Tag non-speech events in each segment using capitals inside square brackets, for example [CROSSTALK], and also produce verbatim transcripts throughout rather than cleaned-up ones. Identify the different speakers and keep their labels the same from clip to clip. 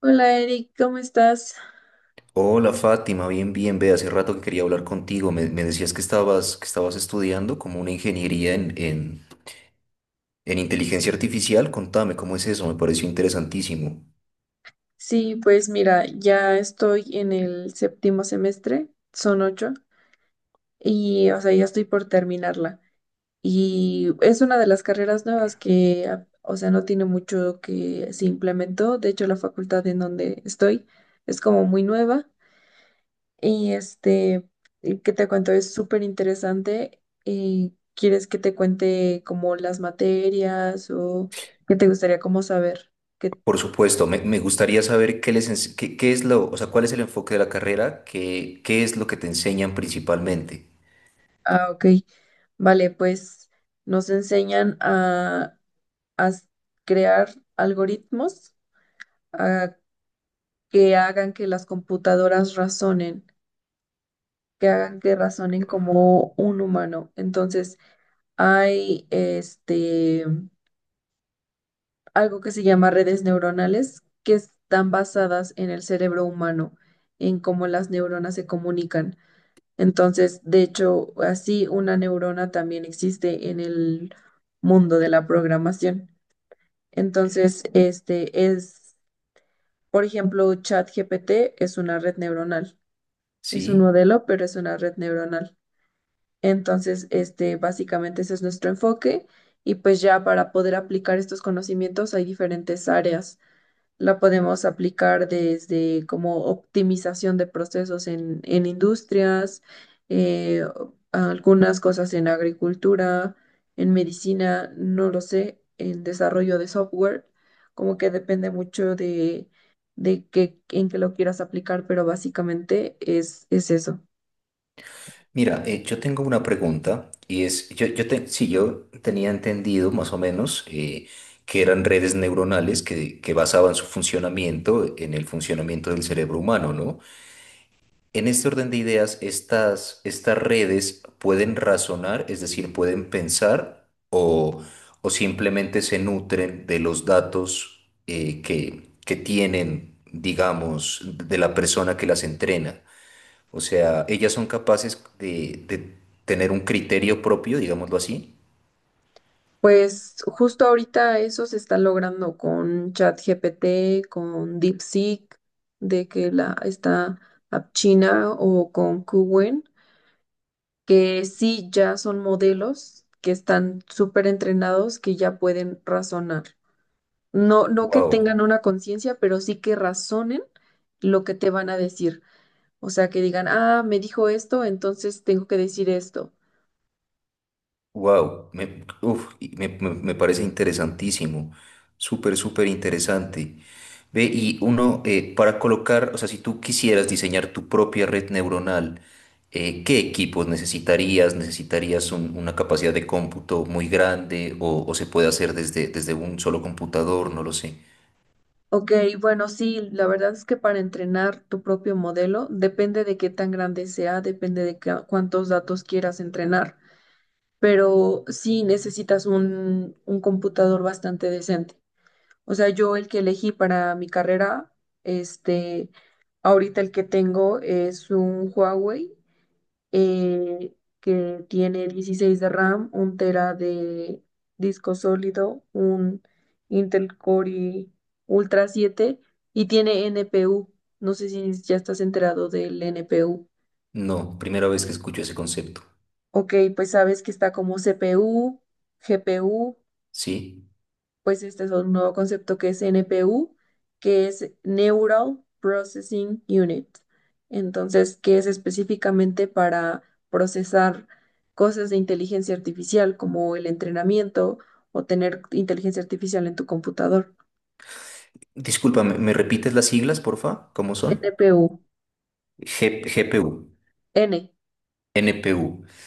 Speaker 1: Hola Eric, ¿cómo estás?
Speaker 2: Hola Fátima, bien, bien, ve, hace rato que quería hablar contigo. Me, me decías que estabas, que estabas estudiando como una ingeniería en, en, en inteligencia artificial. Contame, ¿cómo es eso? Me pareció interesantísimo.
Speaker 1: Sí, pues mira, ya estoy en el séptimo semestre, son ocho, y o sea, ya estoy por terminarla. Y es una de las carreras nuevas que, a- o sea, no tiene mucho que se implementó. De hecho, la facultad en donde estoy es como muy nueva. Y este, y ¿qué te cuento? Es súper interesante. Y ¿quieres que te cuente como las materias o qué te gustaría como saber? ¿Qué-
Speaker 2: Por supuesto, me, me gustaría saber qué les, ens- qué, qué es lo, o sea, cuál es el enfoque de la carrera, qué, qué es lo que te enseñan principalmente.
Speaker 1: Ah, ok. Vale, pues nos enseñan a, a s- crear algoritmos a que hagan que las computadoras razonen, que hagan que razonen como un humano. Entonces, hay este algo que se llama redes neuronales que están basadas en el cerebro humano, en cómo las neuronas se comunican. Entonces, de hecho, así una neurona también existe en el mundo de la programación. Entonces, este es, por ejemplo, ChatGPT es una red neuronal. Es un
Speaker 2: ¿Sí?
Speaker 1: modelo, pero es una red neuronal. Entonces, este, básicamente ese es nuestro enfoque. Y pues ya para poder aplicar estos conocimientos hay diferentes áreas. La podemos aplicar desde como optimización de procesos en, en industrias, eh, algunas cosas en agricultura, en medicina, no lo sé, en desarrollo de software, como que depende mucho de, de que, en qué lo quieras aplicar, pero básicamente es, es eso.
Speaker 2: Mira, eh, yo tengo una pregunta y es, yo, yo te- sí, yo tenía entendido más o menos eh, que eran redes neuronales que, que basaban su funcionamiento en el funcionamiento del cerebro humano, ¿no? En este orden de ideas, estas, estas redes pueden razonar, es decir, pueden pensar o, o simplemente se nutren de los datos eh, que, que tienen, digamos, de la persona que las entrena. O sea, ellas son capaces de, de tener un criterio propio, digámoslo así.
Speaker 1: Pues justo ahorita eso se está logrando con ChatGPT, con DeepSeek, de que la está China o con Qwen, que sí ya son modelos que están súper entrenados, que ya pueden razonar. No, no que
Speaker 2: Wow,
Speaker 1: tengan una conciencia, pero sí que razonen lo que te van a decir. O sea, que digan, ah, me dijo esto, entonces tengo que decir esto.
Speaker 2: wow, me, uf, y me, me- me parece interesantísimo. Súper, súper interesante. Ve, y uno, eh, para colocar, o sea, si tú quisieras diseñar tu propia red neuronal, eh, ¿qué equipos necesitarías? ¿Necesitarías un- una capacidad de cómputo muy grande o, o se puede hacer desde, desde un solo computador? No lo sé.
Speaker 1: Ok, bueno, sí, la verdad es que para entrenar tu propio modelo depende de qué tan grande sea, depende de ca- cuántos datos quieras entrenar, pero sí necesitas un, un computador bastante decente. O sea, yo el que elegí para mi carrera, este, ahorita el que tengo es un Huawei eh, que tiene dieciséis de RAM, un tera de disco sólido, un Intel Core i Ultra siete y tiene N P U. No sé si ya estás enterado del N P U.
Speaker 2: No, primera vez que escucho ese concepto.
Speaker 1: Ok, pues sabes que está como C P U, G P U.
Speaker 2: Sí.
Speaker 1: Pues este es un nuevo concepto que es N P U, que es Neural Processing Unit. Entonces, que es específicamente para procesar cosas de inteligencia artificial como el entrenamiento o tener inteligencia artificial en tu computador.
Speaker 2: Discúlpame, ¿me repites las siglas, porfa? ¿Cómo son?
Speaker 1: N P U,
Speaker 2: G- GPU,
Speaker 1: N,
Speaker 2: N P U,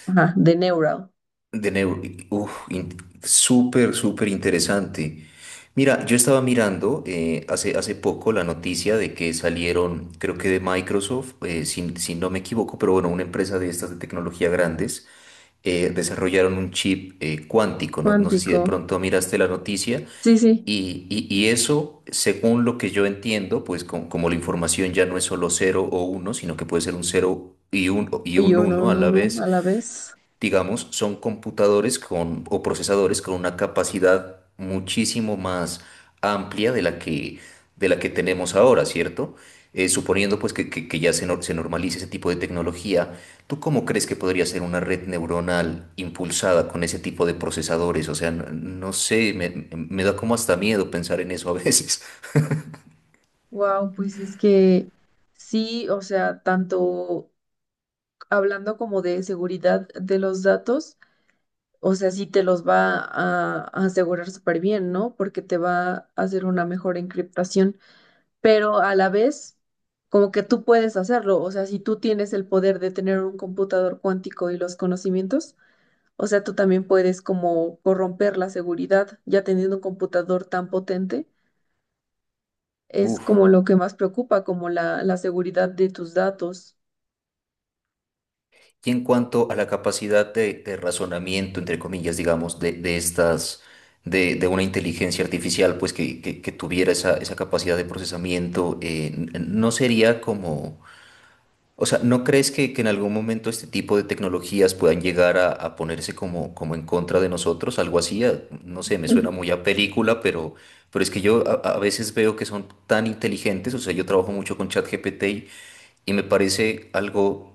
Speaker 1: ajá, de Neural,
Speaker 2: de neu- Uf, in- súper, súper interesante. Mira, yo estaba mirando eh, hace, hace poco la noticia de que salieron, creo que de Microsoft, eh, si, si no me equivoco, pero bueno, una empresa de estas de tecnología grandes, eh, desarrollaron un chip eh, cuántico. No, no sé si
Speaker 1: cuántico.
Speaker 2: de pronto miraste la noticia.
Speaker 1: Sí, sí,
Speaker 2: Y, y- y eso, según lo que yo entiendo, pues com- como la información ya no es solo cero o uno, sino que puede ser un cero y un, y
Speaker 1: y
Speaker 2: un
Speaker 1: uno,
Speaker 2: uno a
Speaker 1: no,
Speaker 2: la
Speaker 1: no, no,
Speaker 2: vez,
Speaker 1: a la vez.
Speaker 2: digamos, son computadores con, o procesadores con una capacidad muchísimo más amplia de la que, de la que tenemos ahora, ¿cierto? Eh, suponiendo pues que, que- que ya se, nor- se normalice ese tipo de tecnología, ¿tú cómo crees que podría ser una red neuronal impulsada con ese tipo de procesadores? O sea, no, no sé, me, me da como hasta miedo pensar en eso a veces. [LAUGHS]
Speaker 1: Wow, pues es que sí, o sea, tanto. Hablando como de seguridad de los datos, o sea, sí te los va a, a asegurar súper bien, ¿no? Porque te va a hacer una mejor encriptación, pero a la vez, como que tú puedes hacerlo, o sea, si tú tienes el poder de tener un computador cuántico y los conocimientos, o sea, tú también puedes como corromper la seguridad, ya teniendo un computador tan potente, es
Speaker 2: Uf.
Speaker 1: como lo que más preocupa, como la, la seguridad de tus datos.
Speaker 2: Y en cuanto a la capacidad de, de razonamiento, entre comillas, digamos, de, de estas, de, de una inteligencia artificial, pues que, que- que tuviera esa, esa capacidad de procesamiento, eh, n- no sería como, o sea, ¿no crees que, que en algún momento este tipo de tecnologías puedan llegar a, a ponerse como, como en contra de nosotros? Algo así, a- no sé, me suena muy a película, pero, pero es que yo a, a veces veo que son tan inteligentes, o sea, yo trabajo mucho con ChatGPT y, y me parece algo,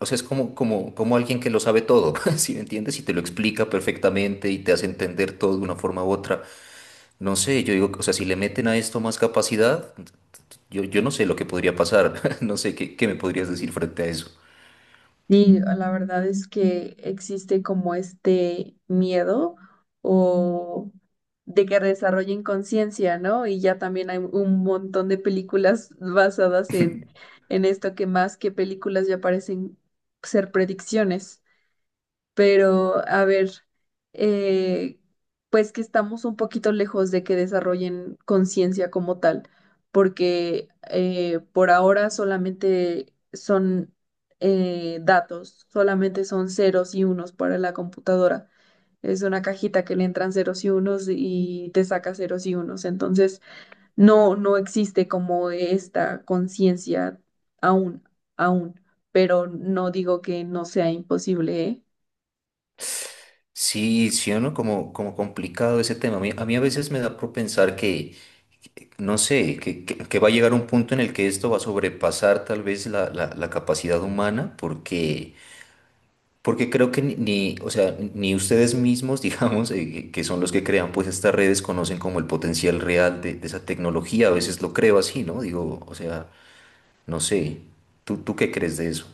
Speaker 2: o sea, es como, como, como alguien que lo sabe todo, [LAUGHS] ¿si me entiendes? Y te lo explica perfectamente y te hace entender todo de una forma u otra. No sé, yo digo, o sea, si le meten a esto más capacidad, yo, yo no sé lo que podría pasar, [LAUGHS] no sé qué, qué me podrías decir frente a eso.
Speaker 1: Sí, la verdad es que existe como este miedo o de que desarrollen conciencia, ¿no? Y ya también hay un montón de películas basadas en, en esto que más que películas ya parecen ser predicciones pero a ver, eh, pues que estamos un poquito lejos de que desarrollen conciencia como tal, porque eh, por ahora solamente son eh, datos, solamente son ceros y unos para la computadora. Es una cajita que le entran ceros y unos y te saca ceros y unos. Entonces, no, no existe como esta conciencia aún, aún, pero no digo que no sea imposible, ¿eh?
Speaker 2: Sí, sí o no, como, como complicado ese tema. A mí, a mí a veces me da por pensar que, no sé, que, que- que va a llegar un punto en el que esto va a sobrepasar tal vez la, la- la capacidad humana, porque, porque creo que ni, ni, o sea, ni ustedes mismos, [LAUGHS] digamos, eh, que son los que crean pues estas redes, conocen como el potencial real de, de esa tecnología. A veces lo creo así, ¿no? Digo, o sea, no sé. ¿Tú, tú qué crees de eso?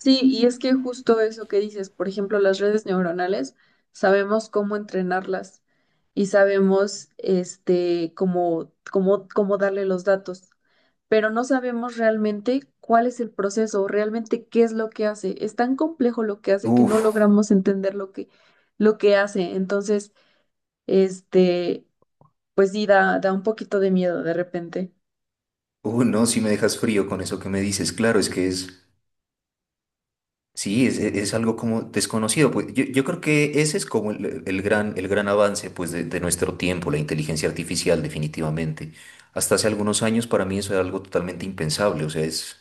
Speaker 1: Sí, y es que justo eso que dices, por ejemplo, las redes neuronales, sabemos cómo entrenarlas y sabemos este cómo, cómo, cómo darle los datos, pero no sabemos realmente cuál es el proceso, realmente qué es lo que hace. Es tan complejo lo que hace que no
Speaker 2: Uf.
Speaker 1: logramos entender lo que, lo que hace. Entonces, este, pues sí, da, da un poquito de miedo de repente.
Speaker 2: Uh, no, si me dejas frío con eso que me dices, claro, es que es, sí, es, es- es algo como desconocido, pues yo, yo creo que ese es como el, el gran, el gran avance, pues, de, de nuestro tiempo, la inteligencia artificial, definitivamente. Hasta hace algunos años para mí eso era algo totalmente impensable, o sea, es,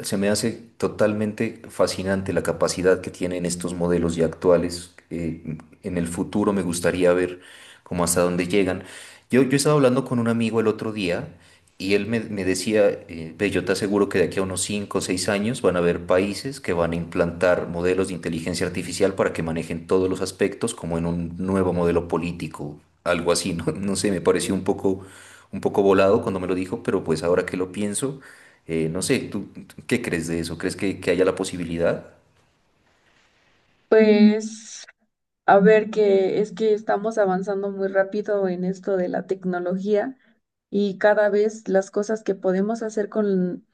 Speaker 2: se me hace totalmente fascinante la capacidad que tienen estos modelos ya actuales. Eh, en el futuro me gustaría ver cómo, hasta dónde llegan. Yo, yo estaba hablando con un amigo el otro día y él me, me decía, eh, "Ve, yo te aseguro que de aquí a unos cinco o seis años van a haber países que van a implantar modelos de inteligencia artificial para que manejen todos los aspectos como en un nuevo modelo político", algo así, ¿no? [LAUGHS] No sé, me pareció un poco, un poco volado cuando me lo dijo, pero pues ahora que lo pienso, eh, no sé, ¿tú, tú qué crees de eso? ¿Crees que, que haya la posibilidad?
Speaker 1: Pues a ver, que es que estamos avanzando muy rápido en esto de la tecnología y cada vez las cosas que podemos hacer con,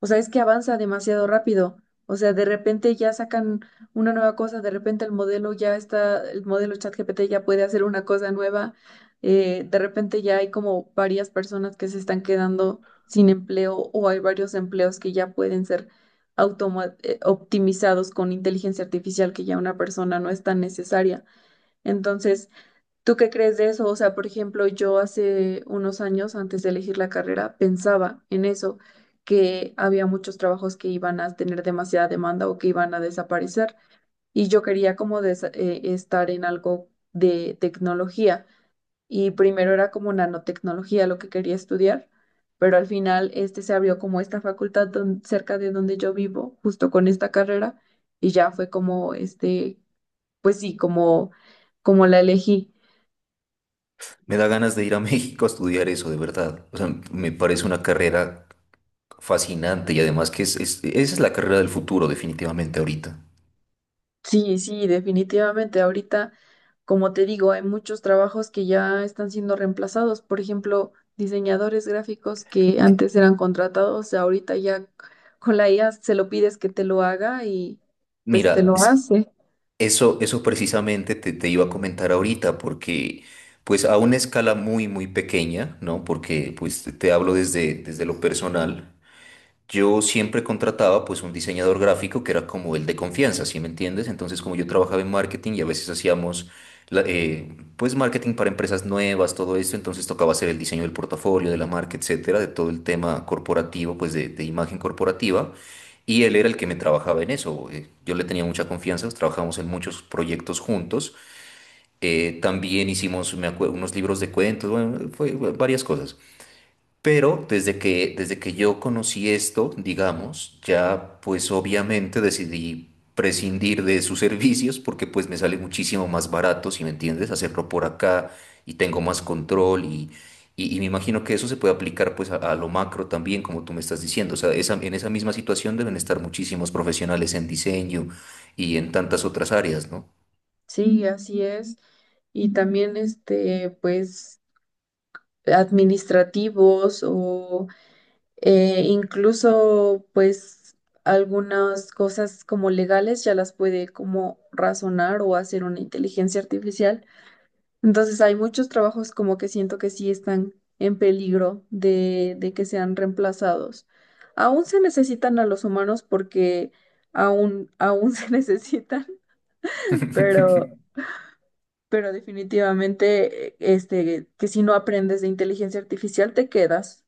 Speaker 1: o sea, es que avanza demasiado rápido. O sea, de repente ya sacan una nueva cosa, de repente el modelo ya está, el modelo ChatGPT ya puede hacer una cosa nueva. eh, de repente ya hay como varias personas que se están quedando sin empleo o hay varios empleos que ya pueden ser automa- eh, optimizados con inteligencia artificial que ya una persona no es tan necesaria. Entonces, ¿tú qué crees de eso? O sea, por ejemplo, yo hace unos años, antes de elegir la carrera, pensaba en eso, que había muchos trabajos que iban a tener demasiada demanda o que iban a desaparecer. Y yo quería como desa- eh, estar en algo de tecnología. Y primero era como nanotecnología lo que quería estudiar, pero al final este se abrió como esta facultad don- cerca de donde yo vivo, justo con esta carrera, y ya fue como este, pues sí, como, como la elegí.
Speaker 2: Me da ganas de ir a [LAUGHS] México a estudiar eso, de verdad. O sea, me parece una carrera fascinante y además que es, es- esa es la carrera del futuro, definitivamente ahorita.
Speaker 1: Sí, sí, definitivamente. Ahorita, como te digo, hay muchos trabajos que ya están siendo reemplazados. Por ejemplo, diseñadores gráficos que antes eran contratados, ahorita ya con la I A se lo pides que te lo haga y pues te
Speaker 2: Mira,
Speaker 1: lo
Speaker 2: es-
Speaker 1: hace.
Speaker 2: eso, eso precisamente te, te iba a comentar ahorita, porque pues a una escala muy, muy pequeña, ¿no? Porque pues te te hablo desde, desde lo personal. Yo siempre contrataba pues un diseñador gráfico que era como el de confianza, ¿sí me entiendes? Entonces como yo trabajaba en marketing y a veces hacíamos la- eh, pues marketing para empresas nuevas, todo esto, entonces tocaba hacer el diseño del portafolio, de la marca, etcétera, de todo el tema corporativo, pues de, de imagen corporativa. Y él era el que me trabajaba en eso. Eh, yo le tenía mucha confianza, pues, trabajamos en muchos proyectos juntos. Eh, también hicimos me acue- unos libros de cuentos, bueno, fue fue varias cosas. Pero desde que, desde que yo conocí esto, digamos, ya pues obviamente decidí prescindir de sus servicios porque pues me sale muchísimo más barato, si me entiendes, hacerlo por acá y tengo más control y, y, y me imagino que eso se puede aplicar pues a, a lo macro también, como tú me estás diciendo. O sea, esa- en esa misma situación deben estar muchísimos profesionales en diseño y en tantas otras áreas, ¿no?
Speaker 1: Sí, así es. Y también este, pues, administrativos o eh, incluso, pues, algunas cosas como legales ya las puede como razonar o hacer una inteligencia artificial. Entonces, hay muchos trabajos como que siento que sí están en peligro de, de que sean reemplazados. Aún se necesitan a los humanos porque aún, aún [LAUGHS] se necesitan,
Speaker 2: [LAUGHS]
Speaker 1: pero, pero definitivamente, eh, este, que si no aprendes de inteligencia artificial, te quedas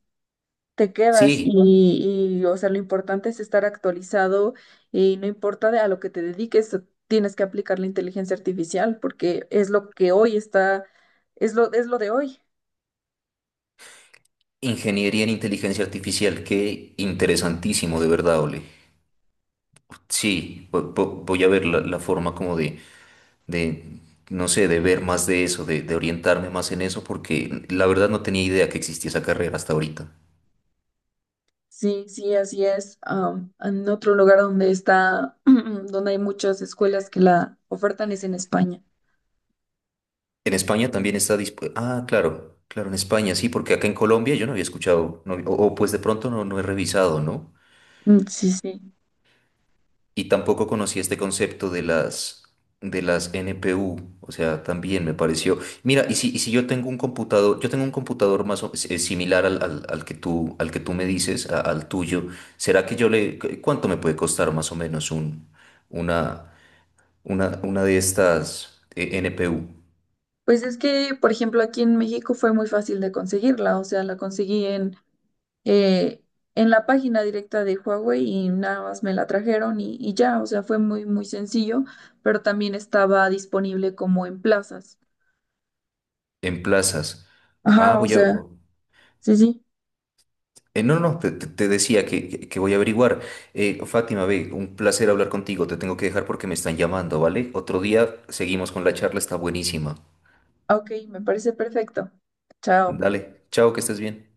Speaker 1: te quedas
Speaker 2: Sí,
Speaker 1: y, y, o sea, lo importante es estar actualizado y no importa de a lo que te dediques, tienes que aplicar la inteligencia artificial porque es lo que hoy está, es lo, es lo de hoy.
Speaker 2: ingeniería en inteligencia artificial, qué interesantísimo, de verdad, Ole. Sí, vo- vo- voy a ver la, la forma como de, de, no sé, de ver más de eso, de, de orientarme más en eso, porque la verdad no tenía idea que existía esa carrera hasta ahorita.
Speaker 1: Sí, sí, así es. Am, en otro lugar donde está, [CLEARS THROAT] donde hay muchas escuelas que la ofertan es en España.
Speaker 2: En España también está dispuesta. Ah, claro, claro, en España sí, porque acá en Colombia yo no había escuchado, no- o, o pues de pronto no, no he revisado, ¿no?
Speaker 1: Mm, sí, sí.
Speaker 2: Y tampoco conocí este concepto de las, de las N P U, o sea, también me pareció. Mira, y si, y si yo tengo un computador, yo tengo un computador más o- eh, similar al, al- al que tú, al que tú me dices, a- al tuyo, ¿será que yo le, cu- cuánto me puede costar más o menos un, una, una, una de estas eh, N P U
Speaker 1: Pues es que, por ejemplo, aquí en México fue muy fácil de conseguirla, o sea, la conseguí en eh, en la página directa de Huawei y nada más me la trajeron y, y ya, o sea, fue muy, muy sencillo, pero también estaba disponible como en plazas.
Speaker 2: en plazas? Ah,
Speaker 1: Ajá, o
Speaker 2: voy a,
Speaker 1: sea, sí, sí.
Speaker 2: eh, no, no, te, te- te decía que, que- que voy a averiguar. Eh, Fátima, ve, un placer hablar contigo. Te tengo que dejar porque me están llamando, ¿vale? Otro día seguimos con la charla, está buenísima.
Speaker 1: Ok, me parece perfecto. Chao.
Speaker 2: Dale, chao, que estés bien.